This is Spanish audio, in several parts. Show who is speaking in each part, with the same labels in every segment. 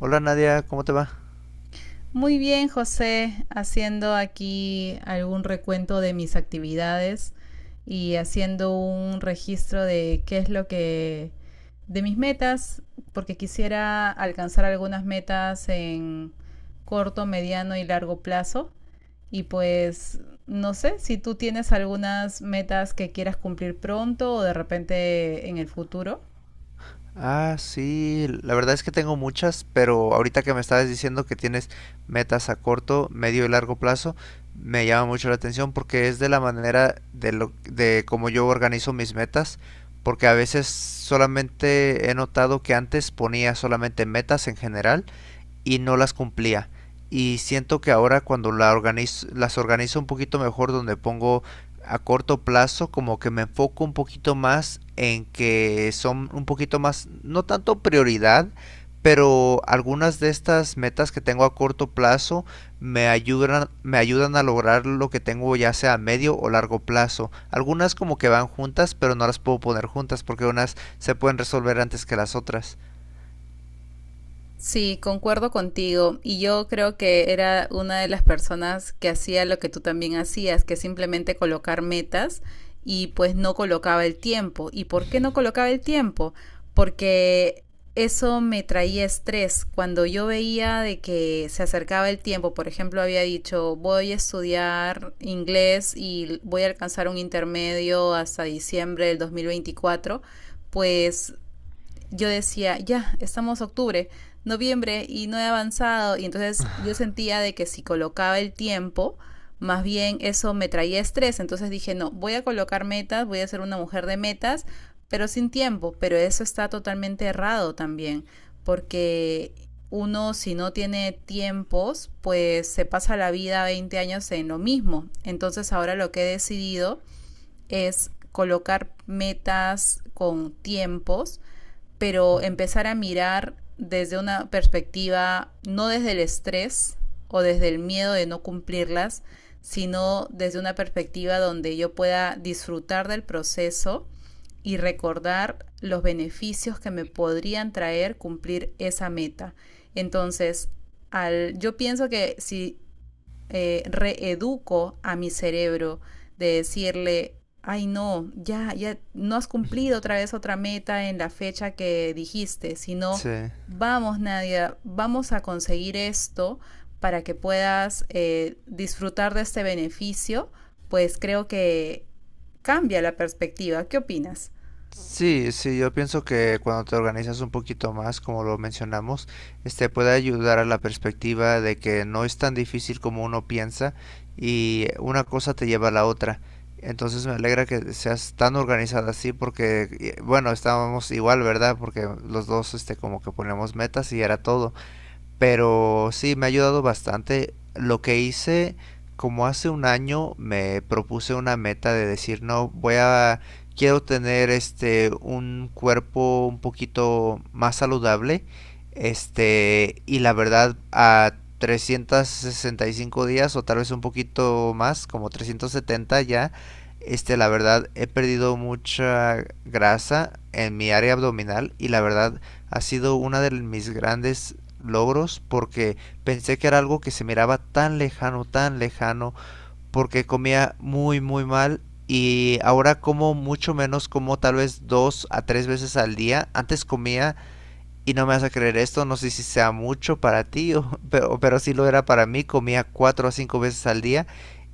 Speaker 1: Hola Nadia, ¿cómo te va?
Speaker 2: Muy bien, José, haciendo aquí algún recuento de mis actividades y haciendo un registro de qué es lo que de mis metas, porque quisiera alcanzar algunas metas en corto, mediano y largo plazo. Y pues no sé si tú tienes algunas metas que quieras cumplir pronto o de repente en el futuro.
Speaker 1: Ah, sí, la verdad es que tengo muchas, pero ahorita que me estabas diciendo que tienes metas a corto, medio y largo plazo, me llama mucho la atención porque es de la manera de lo de cómo yo organizo mis metas, porque a veces solamente he notado que antes ponía solamente metas en general y no las cumplía. Y siento que ahora cuando la organizo, las organizo un poquito mejor, donde pongo a corto plazo, como que me enfoco un poquito más en que son un poquito más, no tanto prioridad, pero algunas de estas metas que tengo a corto plazo me ayudan a lograr lo que tengo ya sea a medio o largo plazo. Algunas como que van juntas, pero no las puedo poner juntas porque unas se pueden resolver antes que las otras.
Speaker 2: Sí, concuerdo contigo. Y yo creo que era una de las personas que hacía lo que tú también hacías, que simplemente colocar metas y pues no colocaba el tiempo. ¿Y por qué no colocaba el tiempo? Porque eso me traía estrés. Cuando yo veía de que se acercaba el tiempo, por ejemplo, había dicho, voy a estudiar inglés y voy a alcanzar un intermedio hasta diciembre del 2024. Pues yo decía, ya, estamos octubre, noviembre y no he avanzado. Y entonces yo sentía de que si colocaba el tiempo, más bien eso me traía estrés. Entonces dije, no, voy a colocar metas, voy a ser una mujer de metas, pero sin tiempo. Pero eso está totalmente errado también, porque uno si no tiene tiempos, pues se pasa la vida 20 años en lo mismo. Entonces ahora lo que he decidido es colocar metas con tiempos pero empezar a mirar desde una perspectiva, no desde el estrés o desde el miedo de no cumplirlas, sino desde una perspectiva donde yo pueda disfrutar del proceso y recordar los beneficios que me podrían traer cumplir esa meta. Entonces, yo pienso que si reeduco a mi cerebro de decirle, ay no, ya, ya no has cumplido otra vez otra meta en la fecha que dijiste, sino
Speaker 1: Sí.
Speaker 2: vamos, Nadia, vamos a conseguir esto para que puedas disfrutar de este beneficio, pues creo que cambia la perspectiva. ¿Qué opinas?
Speaker 1: Sí, sí, yo pienso que cuando te organizas un poquito más, como lo mencionamos, este puede ayudar a la perspectiva de que no es tan difícil como uno piensa y una cosa te lleva a la otra. Entonces me alegra que seas tan organizada así porque, bueno, estábamos igual, ¿verdad? Porque los dos, este, como que ponemos metas y era todo. Pero sí, me ha ayudado bastante. Lo que hice, como hace un año, me propuse una meta de decir, no, voy a, quiero tener este, un cuerpo un poquito más saludable. Este, y la verdad, a 365 días o tal vez un poquito más, como 370 ya, este, la verdad, he perdido mucha grasa en mi área abdominal y la verdad, ha sido uno de mis grandes logros porque pensé que era algo que se miraba tan lejano, porque comía muy, muy mal y ahora como mucho menos, como tal vez dos a tres veces al día. Antes comía y no me vas a creer esto, no sé si sea mucho para ti, o- pero sí lo era para mí. Comía cuatro a cinco veces al día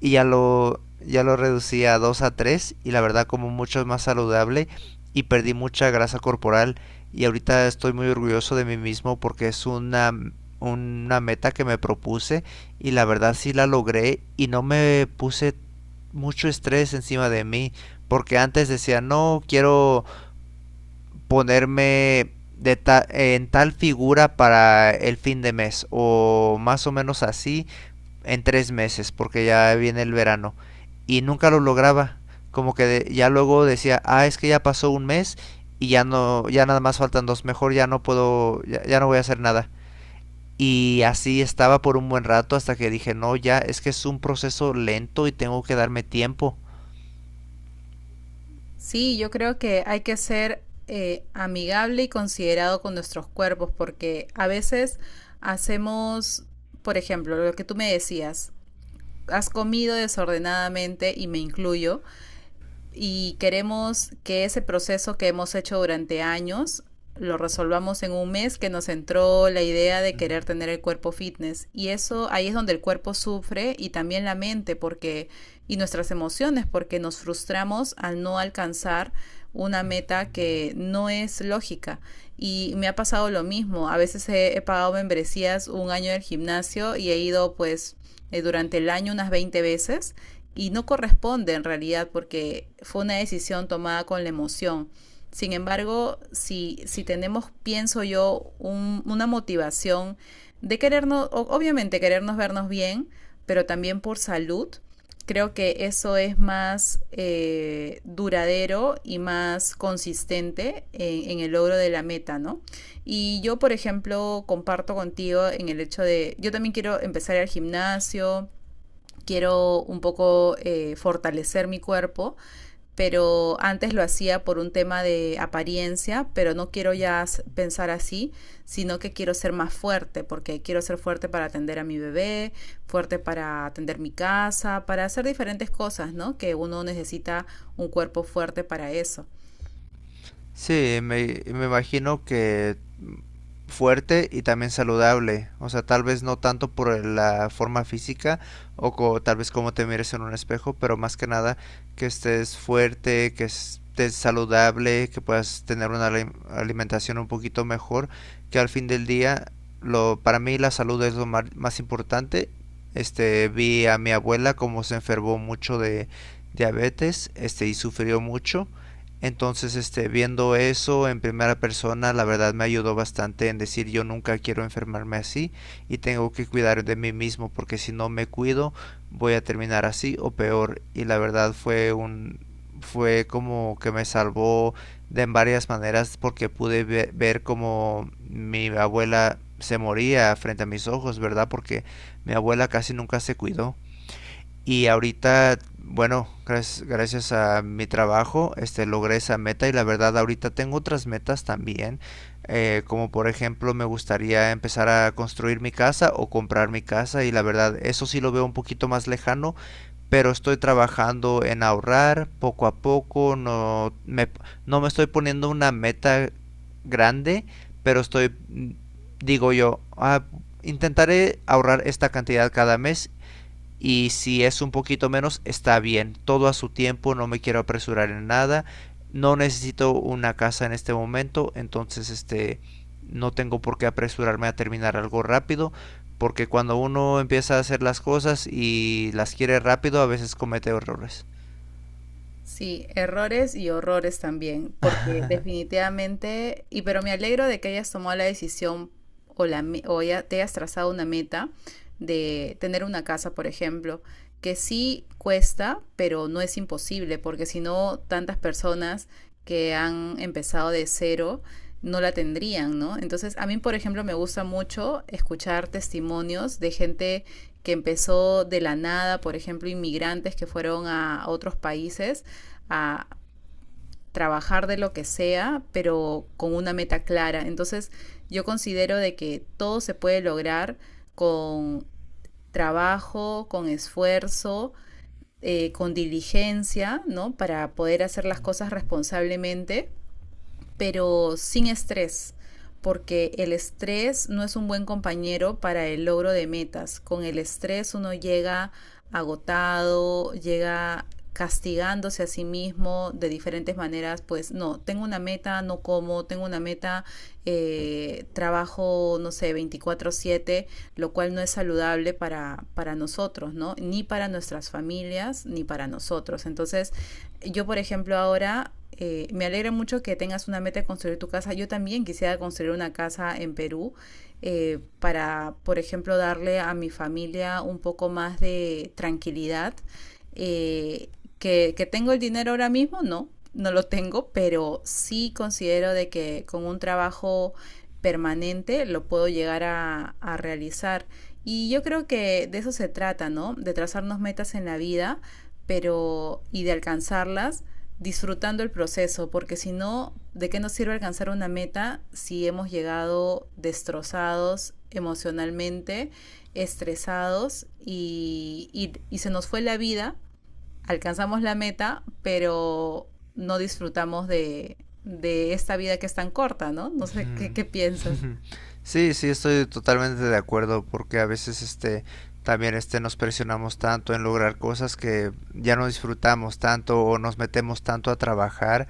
Speaker 1: y ya lo reducí a dos a tres y la verdad como mucho más saludable y perdí mucha grasa corporal y ahorita estoy muy orgulloso de mí mismo porque es una meta que me propuse y la verdad sí la logré y no me puse mucho estrés encima de mí porque antes decía no quiero ponerme de ta en tal figura para el fin de mes o más o menos así en tres meses porque ya viene el verano y nunca lo lograba como que de, ya luego decía ah es que ya pasó un mes y ya no ya nada más faltan dos mejor ya no puedo ya, ya no voy a hacer nada y así estaba por un buen rato hasta que dije no ya es que es un proceso lento y tengo que darme tiempo.
Speaker 2: Sí, yo creo que hay que ser amigable y considerado con nuestros cuerpos, porque a veces hacemos, por ejemplo, lo que tú me decías, has comido desordenadamente y me incluyo, y queremos que ese proceso que hemos hecho durante años lo resolvamos en un mes que nos entró la idea de querer tener el cuerpo fitness, y eso ahí es donde el cuerpo sufre y también la mente, porque y nuestras emociones, porque nos frustramos al no alcanzar una meta que no es lógica. Y me ha pasado lo mismo. A veces he pagado membresías un año del gimnasio y he ido, pues durante el año, unas 20 veces, y no corresponde en realidad porque fue una decisión tomada con la emoción. Sin embargo, si tenemos, pienso yo, una motivación de querernos, obviamente querernos vernos bien, pero también por salud, creo que eso es más duradero y más consistente en, el logro de la meta, ¿no? Y yo, por ejemplo, comparto contigo en el hecho de, yo también quiero empezar al gimnasio, quiero un poco fortalecer mi cuerpo, pero antes lo hacía por un tema de apariencia, pero no quiero ya pensar así, sino que quiero ser más fuerte, porque quiero ser fuerte para atender a mi bebé, fuerte para atender mi casa, para hacer diferentes cosas, ¿no? Que uno necesita un cuerpo fuerte para eso.
Speaker 1: Sí me imagino que fuerte y también saludable. O sea, tal vez no tanto por la forma física o co- tal vez como te mires en un espejo, pero más que nada que estés fuerte, que estés saludable, que puedas tener una alimentación un poquito mejor, que al fin del día lo para mí la salud es lo mar- más importante. Este, vi a mi abuela como se enfermó mucho de diabetes, este y sufrió mucho entonces, este, viendo eso en primera persona, la verdad me ayudó bastante en decir yo nunca quiero enfermarme así y tengo que cuidar de mí mismo porque si no me cuido voy a terminar así o peor. Y la verdad fue un, fue como que me salvó de en varias maneras porque pude ve- ver como mi abuela se moría frente a mis ojos, ¿verdad? Porque mi abuela casi nunca se cuidó. Y ahorita, bueno, gracias a mi trabajo, este, logré esa meta y la verdad ahorita tengo otras metas también. Como por ejemplo, me gustaría empezar a construir mi casa o comprar mi casa y la verdad eso sí lo veo un poquito más lejano, pero estoy trabajando en ahorrar poco a poco, no me estoy poniendo una meta grande, pero estoy, digo yo, "Ah, intentaré ahorrar esta cantidad cada mes y si es un poquito menos, está bien. Todo a su tiempo, no me quiero apresurar en nada. No necesito una casa en este momento, entonces este no tengo por qué apresurarme a terminar algo rápido, porque cuando uno empieza a hacer las cosas y las quiere rápido, a veces comete errores.
Speaker 2: Sí, errores y horrores también, porque definitivamente, y pero me alegro de que hayas tomado la decisión o ya te hayas trazado una meta de tener una casa, por ejemplo, que sí cuesta, pero no es imposible, porque si no, tantas personas que han empezado de cero no la tendrían, ¿no? Entonces, a mí, por ejemplo, me gusta mucho escuchar testimonios de gente que empezó de la nada, por ejemplo, inmigrantes que fueron a otros países a trabajar de lo que sea, pero con una meta clara. Entonces yo considero de que todo se puede lograr con trabajo, con esfuerzo, con diligencia, ¿no? Para poder hacer las cosas responsablemente pero sin estrés, porque el estrés no es un buen compañero para el logro de metas. Con el estrés uno llega agotado, llega castigándose a sí mismo de diferentes maneras, pues no, tengo una meta, no como, tengo una meta, trabajo, no sé, 24/7, lo cual no es saludable para, nosotros, ¿no? Ni para nuestras familias, ni para nosotros. Entonces, yo, por ejemplo, ahora me alegra mucho que tengas una meta de construir tu casa. Yo también quisiera construir una casa en Perú, para, por ejemplo, darle a mi familia un poco más de tranquilidad. Eh, que tengo el dinero ahora mismo, no, no lo tengo, pero sí considero de que con un trabajo permanente lo puedo llegar a, realizar. Y yo creo que de eso se trata, ¿no? De trazarnos metas en la vida pero y de alcanzarlas disfrutando el proceso, porque si no, ¿de qué nos sirve alcanzar una meta si hemos llegado destrozados emocionalmente, estresados y se nos fue la vida? Alcanzamos la meta, pero no disfrutamos de, esta vida que es tan corta, ¿no? No
Speaker 1: Ujú.
Speaker 2: sé qué, piensas.
Speaker 1: Ujú. Sí, sí, estoy totalmente de acuerdo porque a veces este también este nos presionamos tanto en lograr cosas que ya no disfrutamos tanto o nos metemos tanto a trabajar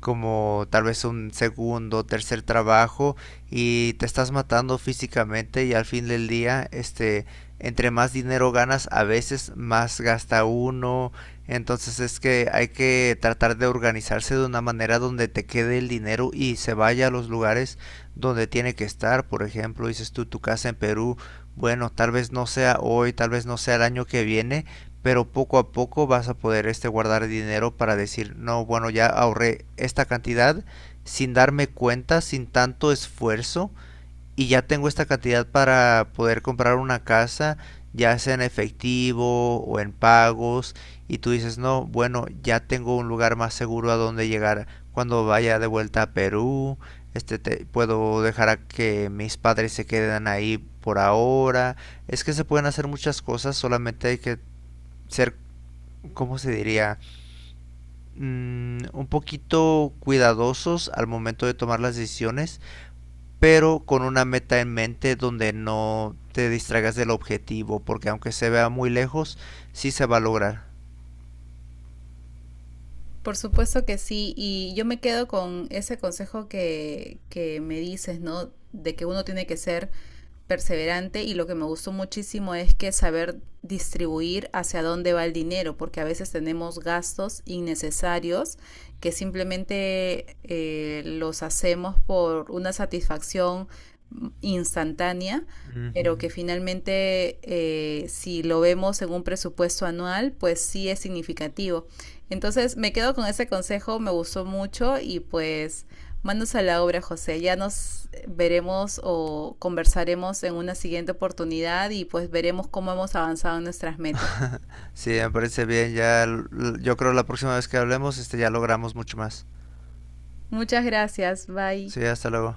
Speaker 1: como tal vez un segundo, tercer trabajo y te estás matando físicamente y al fin del día este entre más dinero ganas a veces más gasta uno entonces es que hay que tratar de organizarse de una manera donde te quede el dinero y se vaya a los lugares donde tiene que estar. Por ejemplo, dices tú tu casa en Perú, bueno, tal vez no sea hoy, tal vez no sea el año que viene, pero poco a poco vas a poder este guardar dinero para decir, no, bueno, ya ahorré esta cantidad sin darme cuenta, sin tanto esfuerzo y ya tengo esta cantidad para poder comprar una casa, ya sea en efectivo o en pagos, y tú dices, no, bueno, ya tengo un lugar más seguro a donde llegar cuando vaya de vuelta a Perú, este, te- puedo dejar a que mis padres se queden ahí por ahora. Es que se pueden hacer muchas cosas, solamente hay que ser, ¿cómo se diría? Un poquito cuidadosos al momento de tomar las decisiones pero con una meta en mente donde no te distraigas del objetivo, porque aunque se vea muy lejos, sí se va a lograr.
Speaker 2: Por supuesto que sí, y yo me quedo con ese consejo que, me dices, ¿no? De que uno tiene que ser perseverante, y lo que me gustó muchísimo es que saber distribuir hacia dónde va el dinero, porque a veces tenemos gastos innecesarios que simplemente los hacemos por una satisfacción instantánea, pero
Speaker 1: Ujú.
Speaker 2: que finalmente, si lo vemos en un presupuesto anual, pues sí es significativo. Entonces me quedo con ese consejo, me gustó mucho, y pues manos a la obra, José. Ya nos veremos o conversaremos en una siguiente oportunidad y pues veremos cómo hemos avanzado en nuestras metas.
Speaker 1: Sí, me parece bien, ya l- yo creo la próxima vez que hablemos, este ya logramos mucho más.
Speaker 2: Muchas gracias, bye.
Speaker 1: Sí, hasta luego.